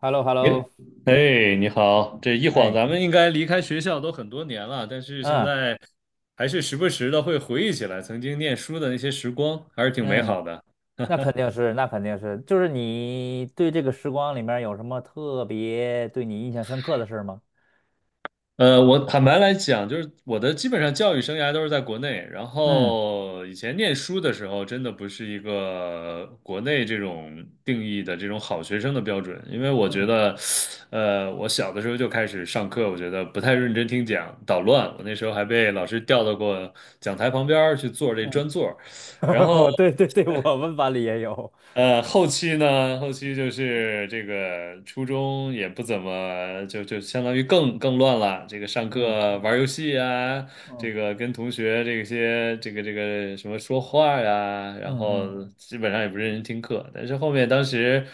h e l l o h e l l 你 o 哎，你好！这一晃，哎，咱们应该离开学校都很多年了，但是现嗯在还是时不时的会回忆起来曾经念书的那些时光，还是挺美嗯，好的。那肯定是，那肯定是，就是你对这个时光里面有什么特别对你印象深刻的事儿吗？我坦白来讲，就是我的基本上教育生涯都是在国内。然嗯后以前念书的时候，真的不是一个国内这种定义的这种好学生的标准，因为我觉嗯得，我小的时候就开始上课，我觉得不太认真听讲，捣乱。我那时候还被老师调到过讲台旁边儿去坐这嗯，专座，我对对对，我们班里也有，后期就是这个初中也不怎么，就相当于更乱了。这个上嗯课玩游戏啊，嗯这个跟同学这些这个什么说话呀，然嗯后嗯基本上也不认真听课。但是后面当时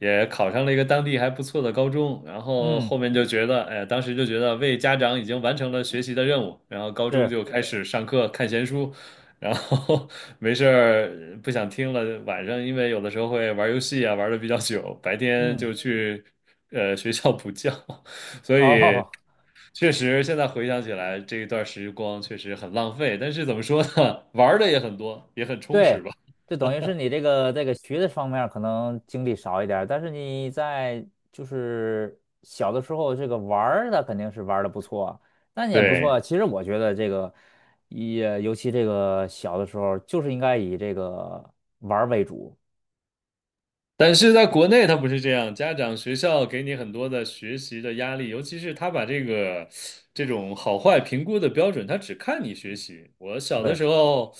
也考上了一个当地还不错的高中，然后嗯，后面就觉得，哎，当时就觉得为家长已经完成了学习的任务，然后高中是，就开始上课看闲书。然后 没事儿不想听了，晚上因为有的时候会玩游戏啊，玩的比较久，白天嗯就去学校补觉。哦。确实，现在回想起来，这一段时光确实很浪费，但是怎么说呢，玩儿的也很多，也很充实对，吧。就等于是你这个学的方面儿可能精力少一点儿但是你在就是小的时候这个玩儿的肯定是玩的不错，那你也不错对。啊。其实我觉得这个也尤其这个小的时候就是应该以这个玩儿为主。但是在国内，他不是这样，家长、学校给你很多的学习的压力，尤其是他把这个这种好坏评估的标准，他只看你学习。我小的对，时候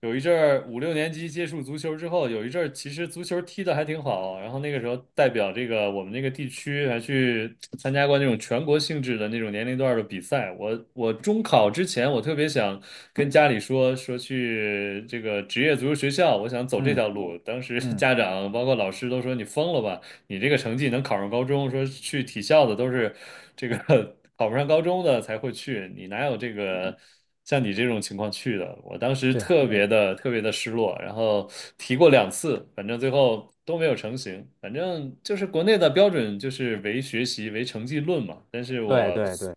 有一阵儿五六年级接触足球之后，有一阵儿其实足球踢得还挺好，然后那个时候代表这个我们那个地区还去参加过那种全国性质的那种年龄段的比赛。我中考之前，我特别想跟家里说说去这个职业足球学校，我想走这嗯条路。当时 嗯，家长包括老师都说你疯了吧，你这个成绩能考上高中，说去体校的都是这个 考不上高中的才会去，你哪有这个像你这种情况去的？我当时对特别的特别的失落，然后提过两次，反正最后都没有成型。反正就是国内的标准就是唯学习唯成绩论嘛，但是对我对对，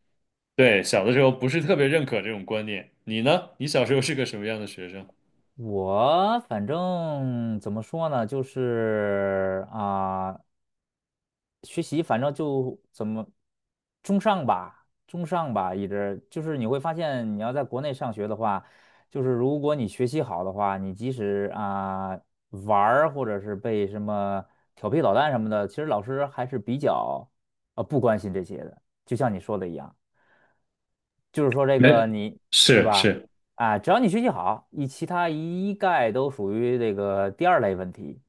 对小的时候不是特别认可这种观念。你呢？你小时候是个什么样的学生？我反正怎么说呢，就是啊。学习反正就怎么中上吧，中上吧，一直就是你会发现，你要在国内上学的话，就是如果你学习好的话，你即使啊、玩儿或者是被什么调皮捣蛋什么的，其实老师还是比较不关心这些的。就像你说的一样，就是说这没，个你对是吧？是，啊，只要你学习好，你其他一概都属于这个第二类问题。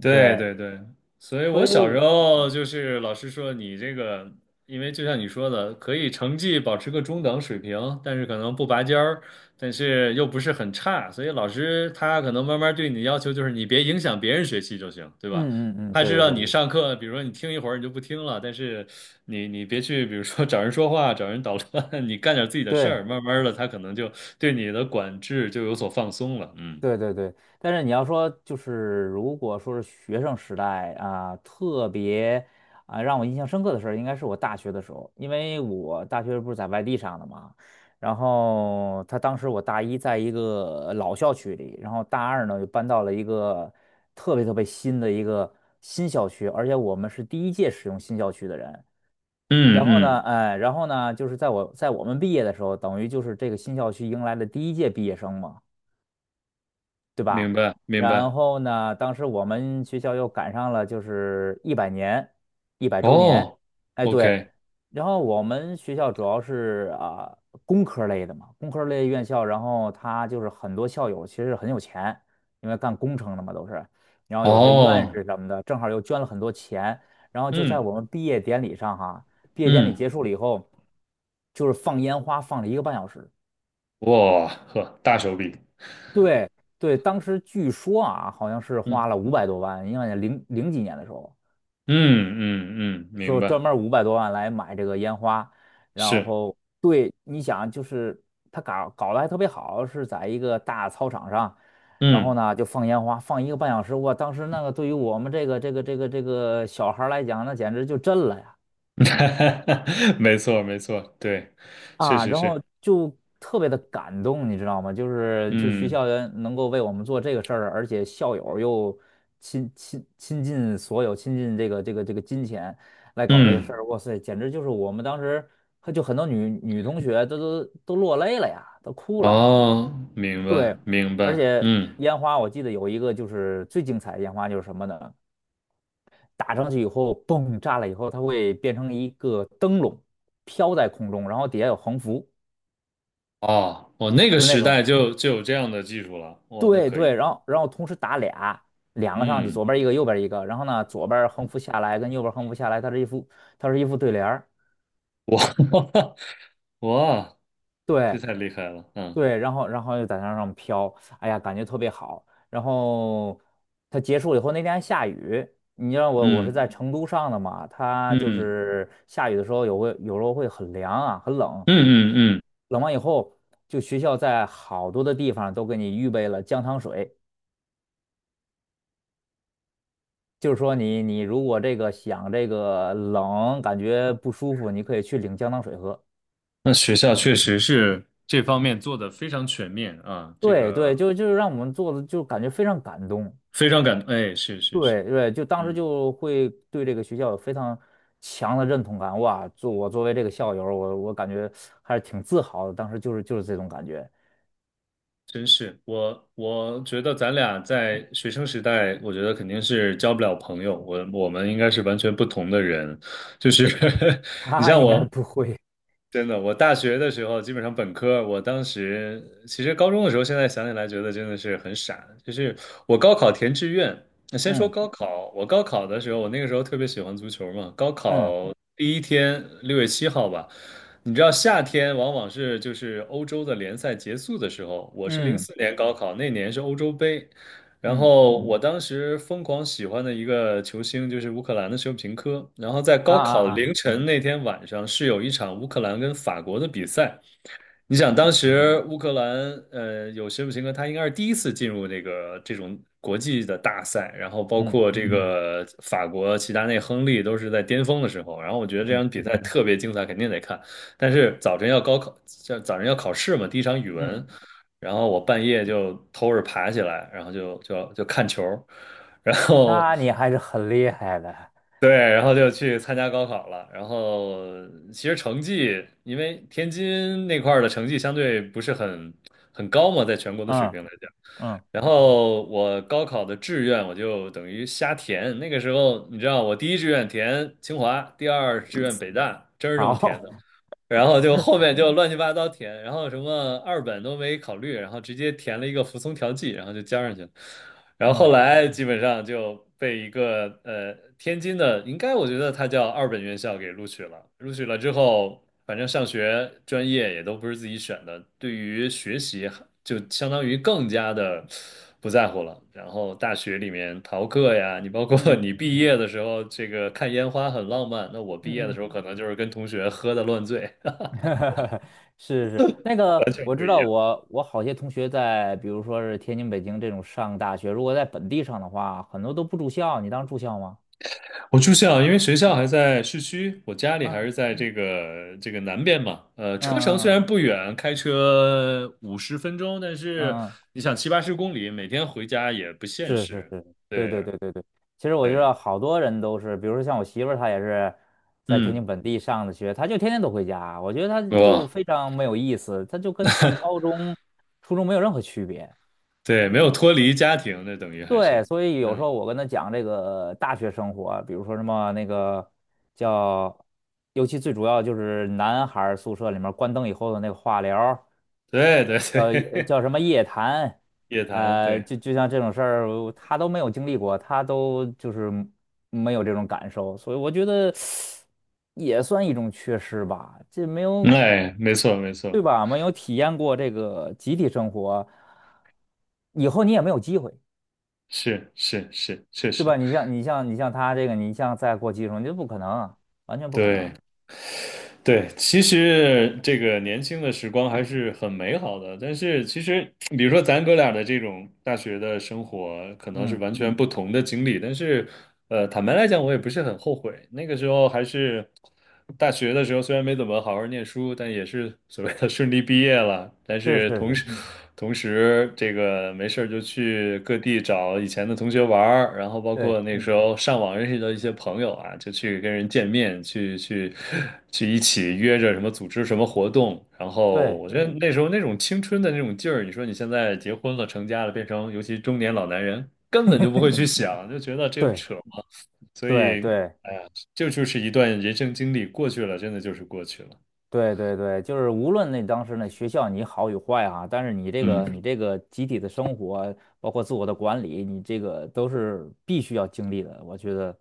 对对，对对，所以所我以小时我候就是老师说你这个，因为就像你说的，可以成绩保持个中等水平，但是可能不拔尖儿，但是又不是很差，所以老师他可能慢慢对你的要求就是你别影响别人学习就行，对吧？嗯嗯嗯，他对是对让对你对。上课，比如说你听一会儿你就不听了，但是你别去，比如说找人说话、找人捣乱，你干点自己的事对儿，慢慢的他可能就对你的管制就有所放松了，嗯对对对，但是你要说就是，如果说是学生时代啊，特别啊让我印象深刻的事儿，应该是我大学的时候，因为我大学不是在外地上的嘛，然后他当时我大一在一个老校区里，然后大二呢就搬到了一个特别特别新的一个新校区，而且我们是第一届使用新校区的人。嗯然后呢，嗯，哎，然后呢，就是在我们毕业的时候，等于就是这个新校区迎来了第一届毕业生嘛。啊，明白明然白。后呢，当时我们学校又赶上了就是100年，100周年，哦哎对，，OK，然后我们学校主要是啊、工科类的嘛，工科类院校，然后他就是很多校友其实很有钱，因为干工程的嘛都是，然后有些院哦，士什么的，正好又捐了很多钱，然后就在嗯我们毕业典礼上哈，毕业典礼嗯，结束了以后，就是放烟花放了一个半小时。哇呵，大手笔，对对，当时据说啊，好像是花嗯了五百多万，因为零零几年的时候，嗯嗯嗯，明说专白，门五百多万来买这个烟花，然是，后对，你想就是他搞得还特别好，是在一个大操场上，然嗯，后呢就放烟花，放一个半小时，哇，当时那个对于我们这个小孩儿来讲，那简直就震了呀。没错没错，对，确啊，实然后是，就特别的感动，你知道吗？就学嗯校园能够为我们做这个事儿，而且校友又亲近所有，亲近这个金钱来搞这个事嗯，儿，哇塞，简直就是我们当时就很多女同学都落泪了呀，都哭了。哦，明白对，明而白，且嗯，烟花我记得有一个就是最精彩的烟花就是什么呢？打上去以后，嘣，炸了以后，它会变成一个灯笼飘在空中，然后底下有横幅，哦，我那个就是那时种。代就有这样的技术了，哇，那对可以，对，然后同时打俩，两个上去，嗯，左边一个，右边一个，然后呢，左边横幅下来跟右边横幅下来，它是一副对联儿，哇 哇，对这太厉害了，嗯对，然后又在那上飘，哎呀，感觉特别好。然后它结束以后，那天还下雨，你知道我是在成嗯都上的嘛，它就嗯是下雨的时候有时候会很凉啊，很冷，嗯嗯嗯。冷完以后，就学校在好多的地方都给你预备了姜汤水。就是说你如果这个想这个冷感觉不舒服，你可以去领姜糖水喝。那学校确实是这方面做的非常全面啊，这对对，个就是让我们做的就感觉非常感动。非常感动，哎，是是对是，对，就当时嗯，就会对这个学校有非常强的认同感。哇，我作为这个校友，我感觉还是挺自豪的。当时就是这种感觉。真是，我觉得咱俩在学生时代，我觉得肯定是交不了朋友，我们应该是完全不同的人，就是 你啊，像应该我，不会。真的，我大学的时候，基本上本科，我当时其实高中的时候，现在想起来觉得真的是很傻。就是我高考填志愿，那先说嗯高考，我高考的时候，我那个时候特别喜欢足球嘛。高嗯考第一天，6月7号吧，你知道夏天往往是就是欧洲的联赛结束的时候，我是零嗯四年高考，那年是欧洲杯，然嗯后我当时疯狂喜欢的一个球星就是乌克兰的舍甫琴科。然后在啊高啊考啊凌晨那天晚上是有一场乌克兰跟法国的比赛，你想，当时乌克兰，有舍甫琴科，他应该是第一次进入这个这种国际的大赛，然后包嗯括这个法国齐达内、亨利都是在巅峰的时候，然后我觉得这嗯场比赛特别精彩，肯定得看。但是早晨要高考，早晨要考试嘛，第一场语文，嗯，然后我半夜就偷着爬起来，然后就看球，然后那你还是很厉害的。对，然后就去参加高考了。然后其实成绩，因为天津那块儿的成绩相对不是很高嘛，在全国的水嗯平来讲。嗯，然后我高考的志愿我就等于瞎填。那个时候你知道，我第一志愿填清华，第二志愿北大，真是这么填好，的。然后就后面就乱七八糟填，然后什么二本都没考虑，然后直接填了一个服从调剂，然后就交上去了。然后嗯后来基本上就被一个天津的，应该我觉得他叫二本院校给录取了。录取了之后，反正上学专业也都不是自己选的，对于学习就相当于更加的不在乎了。然后大学里面逃课呀，你包括 嗯。你毕业的时候，这个看烟花很浪漫，那我毕业的嗯时候可能就是跟同学喝的乱醉。嗯，是是，那个完全我不知一道样。我好些同学在，比如说是天津、北京这种上大学，如果在本地上的话，很多都不住校。你当住校吗？我住校，因为学校还在市区，我家里还嗯是在这个南边嘛。车程嗯虽嗯然不远，开车50分钟，但是嗯，嗯，你想七八十公里，每天回家也不现是是实。是，对对对对对对。其实我知对，道好多人都是，比如说像我媳妇儿，她也是在天嗯，津本地上的学，她就天天都回家，我觉得她就哇，非常没有意思，她就跟上高中、初中没有任何区别。对，没有脱离家庭，那等于还对，是，所以有时嗯，候我跟他讲这个大学生活，比如说什么那个叫，尤其最主要就是男孩儿宿舍里面关灯以后的那个话聊儿，对对叫呃对，叫什么夜谈，夜谈，对，就像这种事儿，我他都没有经历过，他都就是没有这种感受，所以我觉得也算一种缺失吧，这没有，哎，没错没错，对吧？没有体验过这个集体生活，以后你也没有机会。是是是，确对实，吧？你像他这个，你像再过技术，你这不可能啊完全不可能对，啊对，其实这个年轻的时光还是很美好的，但是其实，比如说咱哥俩的这种大学的生活，可能是嗯，完全不同的经历，但是，坦白来讲，我也不是很后悔。那个时候还是大学的时候，虽然没怎么好好念书，但也是所谓的顺利毕业了。但是是是同是，时，嗯同时，这个没事儿就去各地找以前的同学玩儿，然后包对括那时候上网认识的一些朋友啊，就去跟人见面，去一起约着什么组织什么活动。然后对我觉得那时候那种青春的那种劲儿，你说你现在结婚了、成家了，变成尤其中年老男人，根本就不会去想，就觉得这不对扯嘛。所对以，对哎呀，这就是一段人生经历，过去了，真的就是过去了。对对对，就是无论那当时那学校你好与坏啊，但是你这个你嗯。这个集体的生活，包括自我的管理，你这个都是必须要经历的。我觉得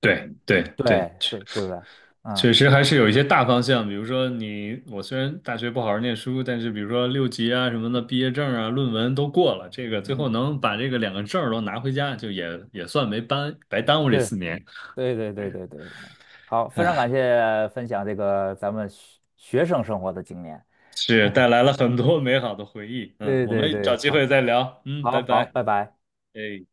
对对对，对，是对不对？嗯确实还是有一些大方向，比如说你，我虽然大学不好好念书，但是比如说六级啊什么的，毕业证啊、论文都过了，这个最嗯，后能把这个两个证儿都拿回家，就也算没耽白耽误这是，四年，对对对，对对对。好，非常感谢分享这个咱们学生生活的经验。是带来了很多 美好的回忆。嗯，对我对们找对。机好。会再聊。嗯，拜好好，拜。拜拜。哎。